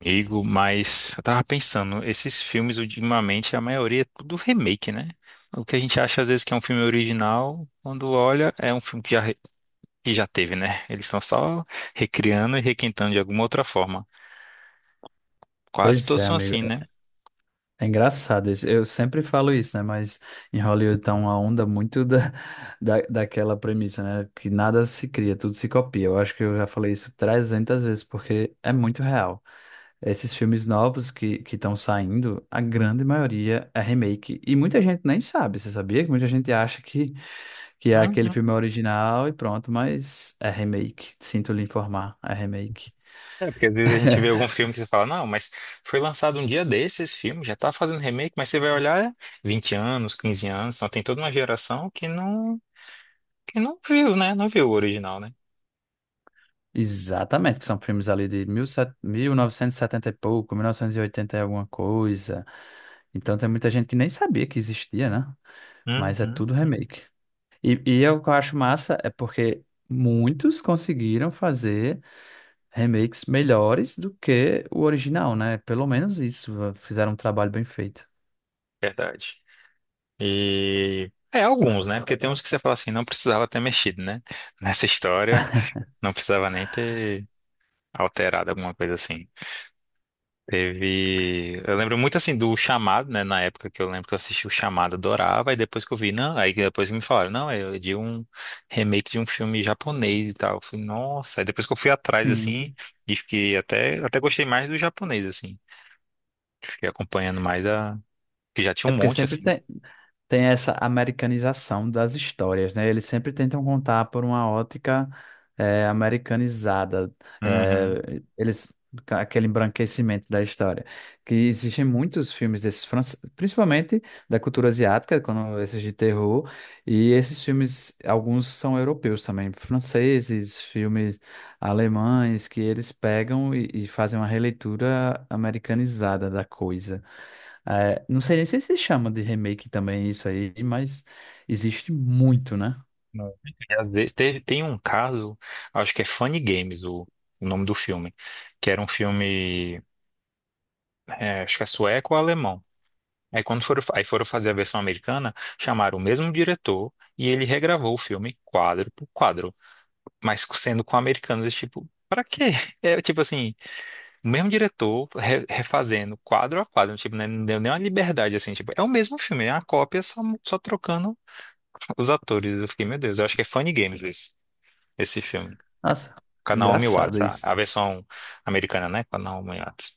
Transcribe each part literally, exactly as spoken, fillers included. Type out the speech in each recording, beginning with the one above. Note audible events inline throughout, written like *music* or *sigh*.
Amigo, mas eu tava pensando, esses filmes ultimamente, a maioria é tudo remake, né? O que a gente acha às vezes que é um filme original, quando olha, é um filme que já, re- que já teve, né? Eles estão só recriando e requintando de alguma outra forma. Quase Pois todos é, são amigo. assim, né? É é engraçado isso. Eu sempre falo isso, né? Mas em Hollywood tá uma onda muito da, *laughs* da, daquela premissa, né? Que nada se cria, tudo se copia. Eu acho que eu já falei isso trezentas vezes, porque é muito real. Esses filmes novos que que estão saindo, a grande maioria é remake. E muita gente nem sabe, você sabia? Que muita gente acha que, que é aquele Uhum. filme original e pronto, mas é remake. Sinto lhe informar, é remake. É, porque às vezes a gente vê algum filme que você fala, não, mas foi lançado um dia desses esse filme, já tá fazendo remake, mas você vai olhar é vinte anos, quinze anos, então tem toda uma geração que não, que não viu, né? Não viu o original, né? Exatamente, que são filmes ali de mil e set- mil novecentos e setenta e pouco, mil novecentos e oitenta e oitenta e alguma coisa. Então tem muita gente que nem sabia que existia, né? Mas é Uhum. tudo remake. E, e eu, o que eu acho massa é porque muitos conseguiram fazer remakes melhores do que o original, né? Pelo menos isso, fizeram um trabalho bem feito. Verdade. E é alguns, né? Porque tem uns que você fala assim, não precisava ter mexido, né? Nessa história, não precisava nem ter alterado alguma coisa assim. Teve, eu lembro muito assim do Chamado, né, na época que eu lembro que eu assisti o Chamado, adorava, e depois que eu vi, não, aí depois que depois me falaram, não, é de um remake de um filme japonês e tal. Eu falei, nossa, aí depois que eu fui atrás assim, Sim. e fiquei até até gostei mais do japonês assim. Fiquei acompanhando mais a que já tinha É um porque monte sempre assim. tem. Tem essa americanização das histórias, né? Eles sempre tentam contar por uma ótica eh, americanizada. Uhum. eh, eles ca- Aquele embranquecimento da história. Que existem muitos filmes desses, fran- principalmente da cultura asiática, quando esses de terror, e esses filmes, alguns são europeus também, franceses, filmes alemães que eles pegam e, e fazem uma releitura americanizada da coisa. É, não sei nem se se chama de remake também isso aí, mas existe muito, né? Não. E às vezes teve- tem um caso, acho que é Funny Games o, o nome do filme, que era um filme, é, acho que é sueco ou alemão. Aí quando foram, fa- aí foram fazer a versão americana, chamaram o mesmo diretor e ele regravou o filme quadro por quadro, mas sendo com americanos, tipo, pra quê? *laughs* É tipo assim, o mesmo diretor re- refazendo quadro a quadro, tipo, né, não deu nem uma liberdade assim, tipo, é o mesmo filme, é uma cópia só, só trocando os atores. Eu fiquei, meu Deus, eu acho que é Funny Games esse, esse filme. Nossa, Com a Naomi engraçado Watts, a, isso. a versão americana, né? Com a Naomi Watts.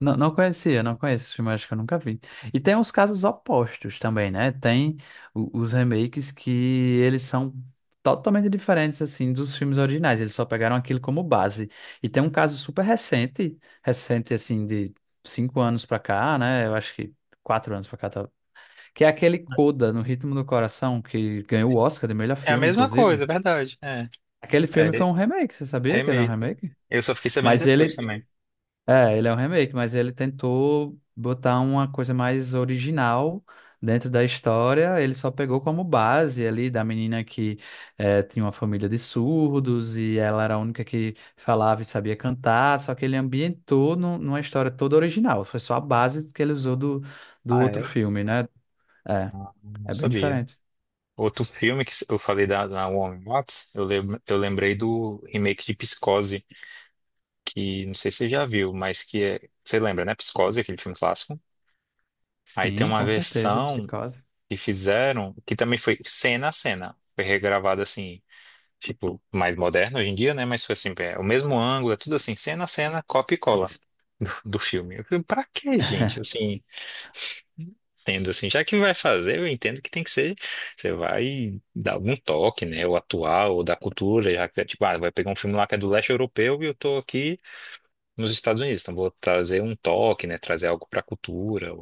Não, não conhecia, não conheço esse filme, acho que eu nunca vi. E tem uns casos opostos também, né? Tem o- os remakes que eles são totalmente diferentes, assim, dos filmes originais. Eles só pegaram aquilo como base. E tem um caso super recente, recente, assim, de cinco anos pra cá, né? Eu acho que quatro anos pra cá, tá? Que é aquele Coda, No Ritmo do Coração, que ganhou o Oscar de melhor É a filme, mesma coisa, inclusive. é verdade. É, Aquele É, filme foi re- um remake, você sabia que ele é um remake. remake? Eu só fiquei sabendo Mas depois ele também. é, ele é um remake, mas ele tentou botar uma coisa mais original dentro da história. Ele só pegou como base ali da menina que eh, tinha uma família de surdos e ela era a única que falava e sabia cantar. Só que ele ambientou nu- numa história toda original. Foi só a base que ele usou do, do Ah, é? outro filme, né? É, Não é bem sabia. diferente. Outro filme que eu falei da, da Naomi Watts, eu, lem, eu lembrei do remake de Psicose, que não sei se você já viu, mas que é. Você lembra, né? Psicose, aquele filme clássico. Aí tem Sim, uma com certeza, versão psicose. que fizeram, que também foi cena a cena. Foi regravada assim. Tipo, mais moderno hoje em dia, né? Mas foi assim, é o mesmo ângulo, é tudo assim, cena a cena, copia e cola do, do filme. Eu falei, pra que, gente? Assim, tendo assim, já que vai fazer, eu entendo que tem que ser, você vai dar algum toque, né? Ou atual, ou da cultura, já que é tipo, ah, vai pegar um filme lá que é do leste europeu e eu tô aqui nos Estados Unidos, então vou trazer um toque, né? Trazer algo pra cultura.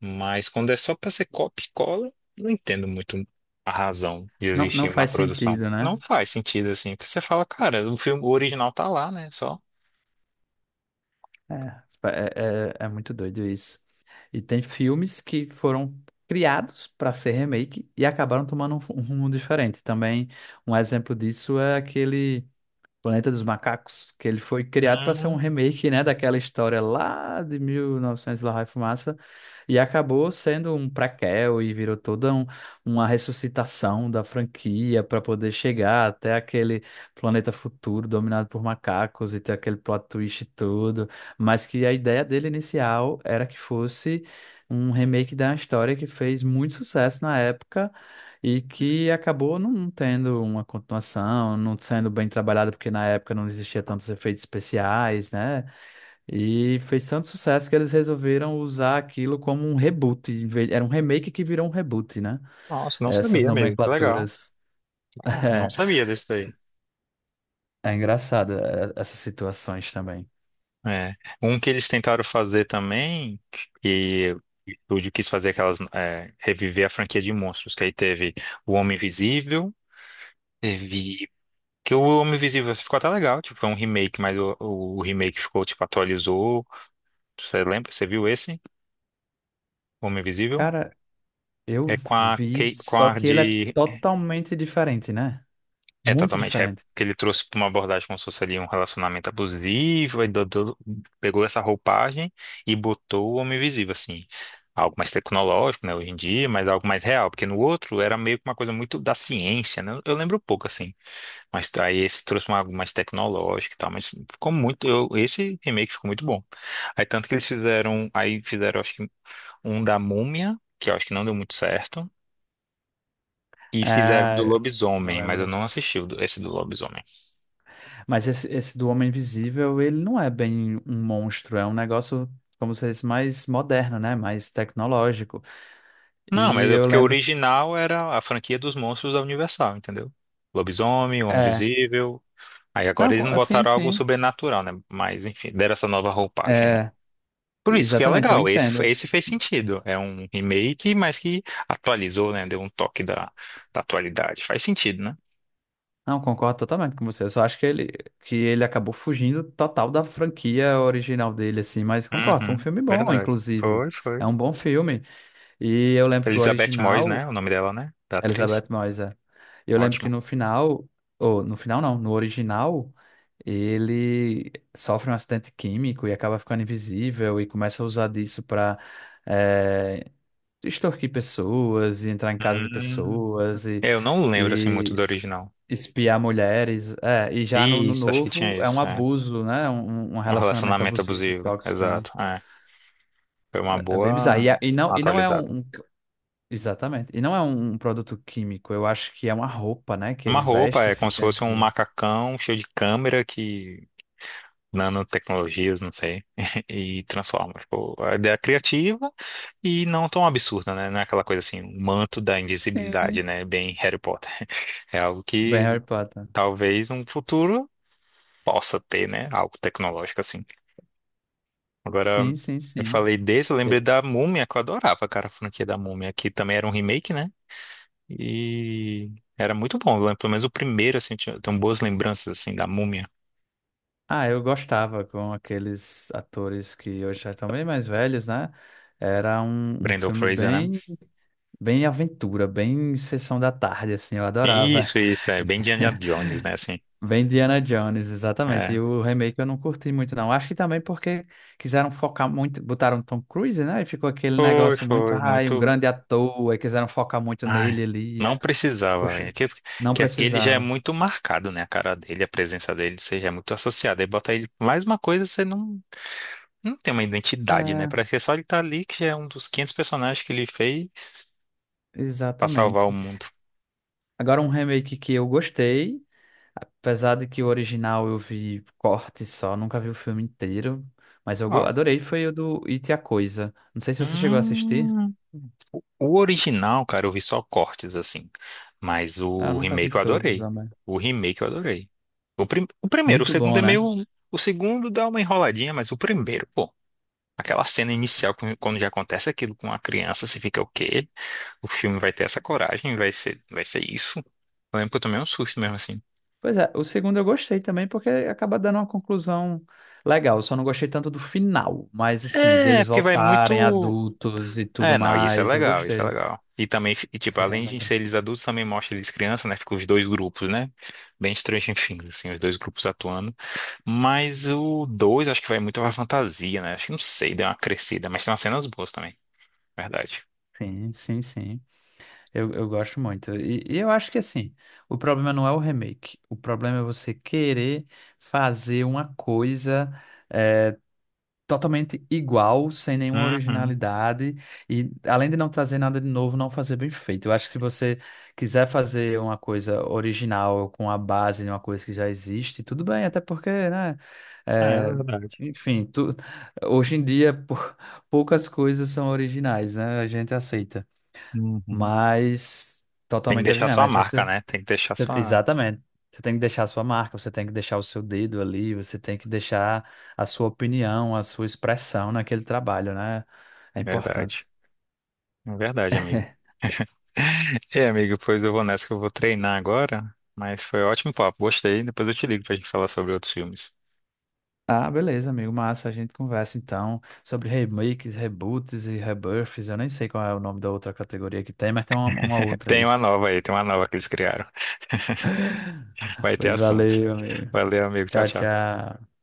Mas quando é só para ser copia e cola, não entendo muito a razão de Não, não existir uma faz produção. sentido, né? Não faz sentido assim, porque você fala, cara, o filme o original tá lá, né? Só. É, é, é, é muito doido isso. E tem filmes que foram criados para ser remake e acabaram tomando um, fu- um rumo diferente. Também um exemplo disso é aquele. Planeta dos Macacos, que ele foi criado para ser um Hum, remake, né, daquela história lá de mil e novecentos e novecentos e lá vai fumaça, e acabou sendo um prequel e virou toda um- uma ressuscitação da franquia para poder chegar até aquele planeta futuro dominado por macacos e ter aquele plot twist e tudo, mas que a ideia dele inicial era que fosse um remake da história que fez muito sucesso na época e que acabou não tendo uma continuação, não sendo bem trabalhada, porque na época não existia tantos efeitos especiais, né? E fez tanto sucesso que eles resolveram usar aquilo como um reboot. em vez- Era um remake que virou um reboot, né? nossa, não Essas sabia mesmo. Que legal. nomenclaturas. Ah, não *laughs* sabia desse daí. É, é engraçado, é essas situações também. É. Um que eles tentaram fazer também, e o estúdio quis fazer aquelas, é, reviver a franquia de monstros, que aí teve O Homem Invisível, teve. Que o Homem Invisível ficou até legal, tipo, foi um remake, mas o, o remake ficou, tipo, atualizou. Você lembra? Você viu esse? Homem Invisível? Cara, eu É com a, vi, Kay- com só a que ele é de. totalmente diferente, né? É Muito totalmente rap. diferente. Que ele trouxe pra uma abordagem como se fosse ali um relacionamento abusivo. Aí do- do- pegou essa roupagem e botou o Homem Invisível, assim. Algo mais tecnológico, né, hoje em dia, mas algo mais real. Porque no outro era meio que uma coisa muito da ciência, né? Eu lembro pouco, assim. Mas aí esse trouxe uma, algo mais tecnológico e tal, mas ficou muito. Eu, esse remake ficou muito bom. Aí tanto que eles fizeram. Aí fizeram, acho que, um da Múmia, que eu acho que não deu muito certo. E fizeram do É, eu Lobisomem, mas eu lembro. não assisti o do- esse do Lobisomem. Mas esse, esse do Homem Invisível, ele não é bem um monstro, é um negócio, como se disse, mais moderno, né? Mais tecnológico. Não, E mas é eu porque o lembro. original era a franquia dos monstros da Universal, entendeu? Lobisomem, Homem É. Invisível. Aí Não, agora eles com- não assim, botaram algo sim. sobrenatural, né? Mas enfim, deram essa nova roupagem, né? É, Por isso que é exatamente, eu legal, esse, entendo. esse fez sentido. É um remake, mas que atualizou, né? Deu um toque da, da atualidade. Faz sentido, né? Não, concordo totalmente com você. Eu só acho que ele, que ele acabou fugindo total da franquia original dele, assim, mas concordo, foi um Uhum, filme bom, verdade. inclusive. Foi, É foi. um bom filme. E eu lembro que o Elizabeth Moss, original. né? O nome dela, né? Da atriz. Elizabeth Moyes, é. Eu lembro que Ótimo. no final, ou no final não, no original, ele sofre um acidente químico e acaba ficando invisível e começa a usar disso para extorquir pessoas e entrar em casa de Hum. pessoas e, É, eu não lembro, assim, muito do e original. espiar mulheres. É, e já no, no Isso, acho que novo tinha é um isso, é. abuso, né? Um, um um Um relacionamento relacionamento abusivo, abusivo, tóxico, né? exato. É. Foi uma É, é bem bizarro. E, boa a- e não e não é atualizada. um, um. Exatamente. E não é um um produto químico, eu acho que é uma roupa, né? Que Uma ele roupa, veste e é como se fica. fosse um macacão cheio de câmera que nanotecnologias, não sei, *laughs* e transforma. Tipo, a ideia é criativa e não tão absurda, né? Não é aquela coisa assim, o manto da invisibilidade, Sim. né? Bem Harry Potter. *laughs* É algo Bem Harry que Potter. talvez um futuro possa ter, né? Algo tecnológico assim. Agora, Sim, sim, eu sim. falei desse, eu É. lembrei da Múmia, que eu adorava, cara, a franquia da Múmia, que também era um remake, né? E era muito bom, eu lembro, pelo menos o primeiro, assim, tinha, tenho boas lembranças, assim, da Múmia. Ah, eu gostava com aqueles atores que hoje já estão bem mais velhos, né? Era um, um Brendan filme Fraser, né? bem, bem aventura, bem sessão da tarde, assim, eu adorava. Isso, isso, é bem Indiana *laughs* Jones, né? Assim, Bem Indiana Jones, exatamente. é, E o remake eu não curti muito, não. Acho que também porque quiseram focar muito, botaram Tom Cruise, né? E ficou aquele foi, negócio muito, foi, ai, um muito. grande ator, e quiseram focar muito Ai, nele ali. não É. precisava. É Gostei. que, Não que aquele já é precisava. muito marcado, né? A cara dele, a presença dele, você já é muito associado. Aí bota ele mais uma coisa, você não, não tem uma identidade, né? É, Parece que é só ele tá ali, que já é um dos quinhentos personagens que ele fez pra salvar o exatamente. mundo. Agora um remake que eu gostei, apesar de que o original eu vi corte só, nunca vi o filme inteiro, mas eu go- Ó. adorei, foi o do It e a Coisa. Não sei se você chegou a assistir. Hum, o original, cara, eu vi só cortes assim. Mas Ah, eu o nunca vi remake eu todos, adorei. também. O remake eu adorei. O, prim- o primeiro, o Muito segundo bom, é né? meio. O segundo dá uma enroladinha, mas o primeiro, pô. Aquela cena inicial, quando quando já acontece aquilo com a criança, você fica o quê? O filme vai ter essa coragem, vai ser, vai ser isso. Eu lembro que eu tomei um susto mesmo assim. Pois é, o segundo eu gostei também, porque acaba dando uma conclusão legal. Eu só não gostei tanto do final, mas assim, É, deles porque vai voltarem muito. adultos e tudo É, não, isso é mais, eu legal, isso é gostei. legal. E também, e, tipo, Se além de ser reencontrar. eles adultos, também mostra eles crianças, né? Fica os dois grupos, né? Bem Stranger Things, *laughs* assim, os dois grupos atuando. Mas o dois acho que vai muito pra fantasia, né? Acho que não sei, deu uma crescida, mas tem umas cenas boas também, verdade. Sim, sim, sim. Eu, eu gosto muito. E, e eu acho que assim, o problema não é o remake. O problema é você querer fazer uma coisa. eh, Totalmente igual, sem nenhuma Uhum. originalidade, e além de não trazer nada de novo, não fazer bem feito. Eu acho que se você quiser fazer uma coisa original com a base de uma coisa que já existe, tudo bem, até porque, né? É, é É, verdade. enfim, tu- hoje em dia *laughs* pou- poucas coisas são originais, né? A gente aceita, Uhum. mas Tem que totalmente deixar original. sua Mas você marca, né? Tem que deixar você- sua. exatamente. Você tem que deixar a sua marca, você tem que deixar o seu dedo ali, você tem que deixar a sua opinião, a sua expressão naquele trabalho, né? É importante. Verdade. Verdade, amigo. *laughs* É, amigo, pois eu vou nessa que eu vou treinar agora. Mas foi ótimo papo, gostei. Depois eu te ligo pra gente falar sobre outros filmes. Ah, beleza, amigo. Massa, a gente conversa então sobre remakes, reboots e rebirths. Eu nem sei qual é o nome da outra categoria que tem, mas tem uma, uma *laughs* outra Tem aí. uma nova aí, tem uma nova que eles criaram. *laughs* Vai ter Pois assunto. valeu, amigo. Valeu, amigo. Tchau, Tchau, tchau. tchau.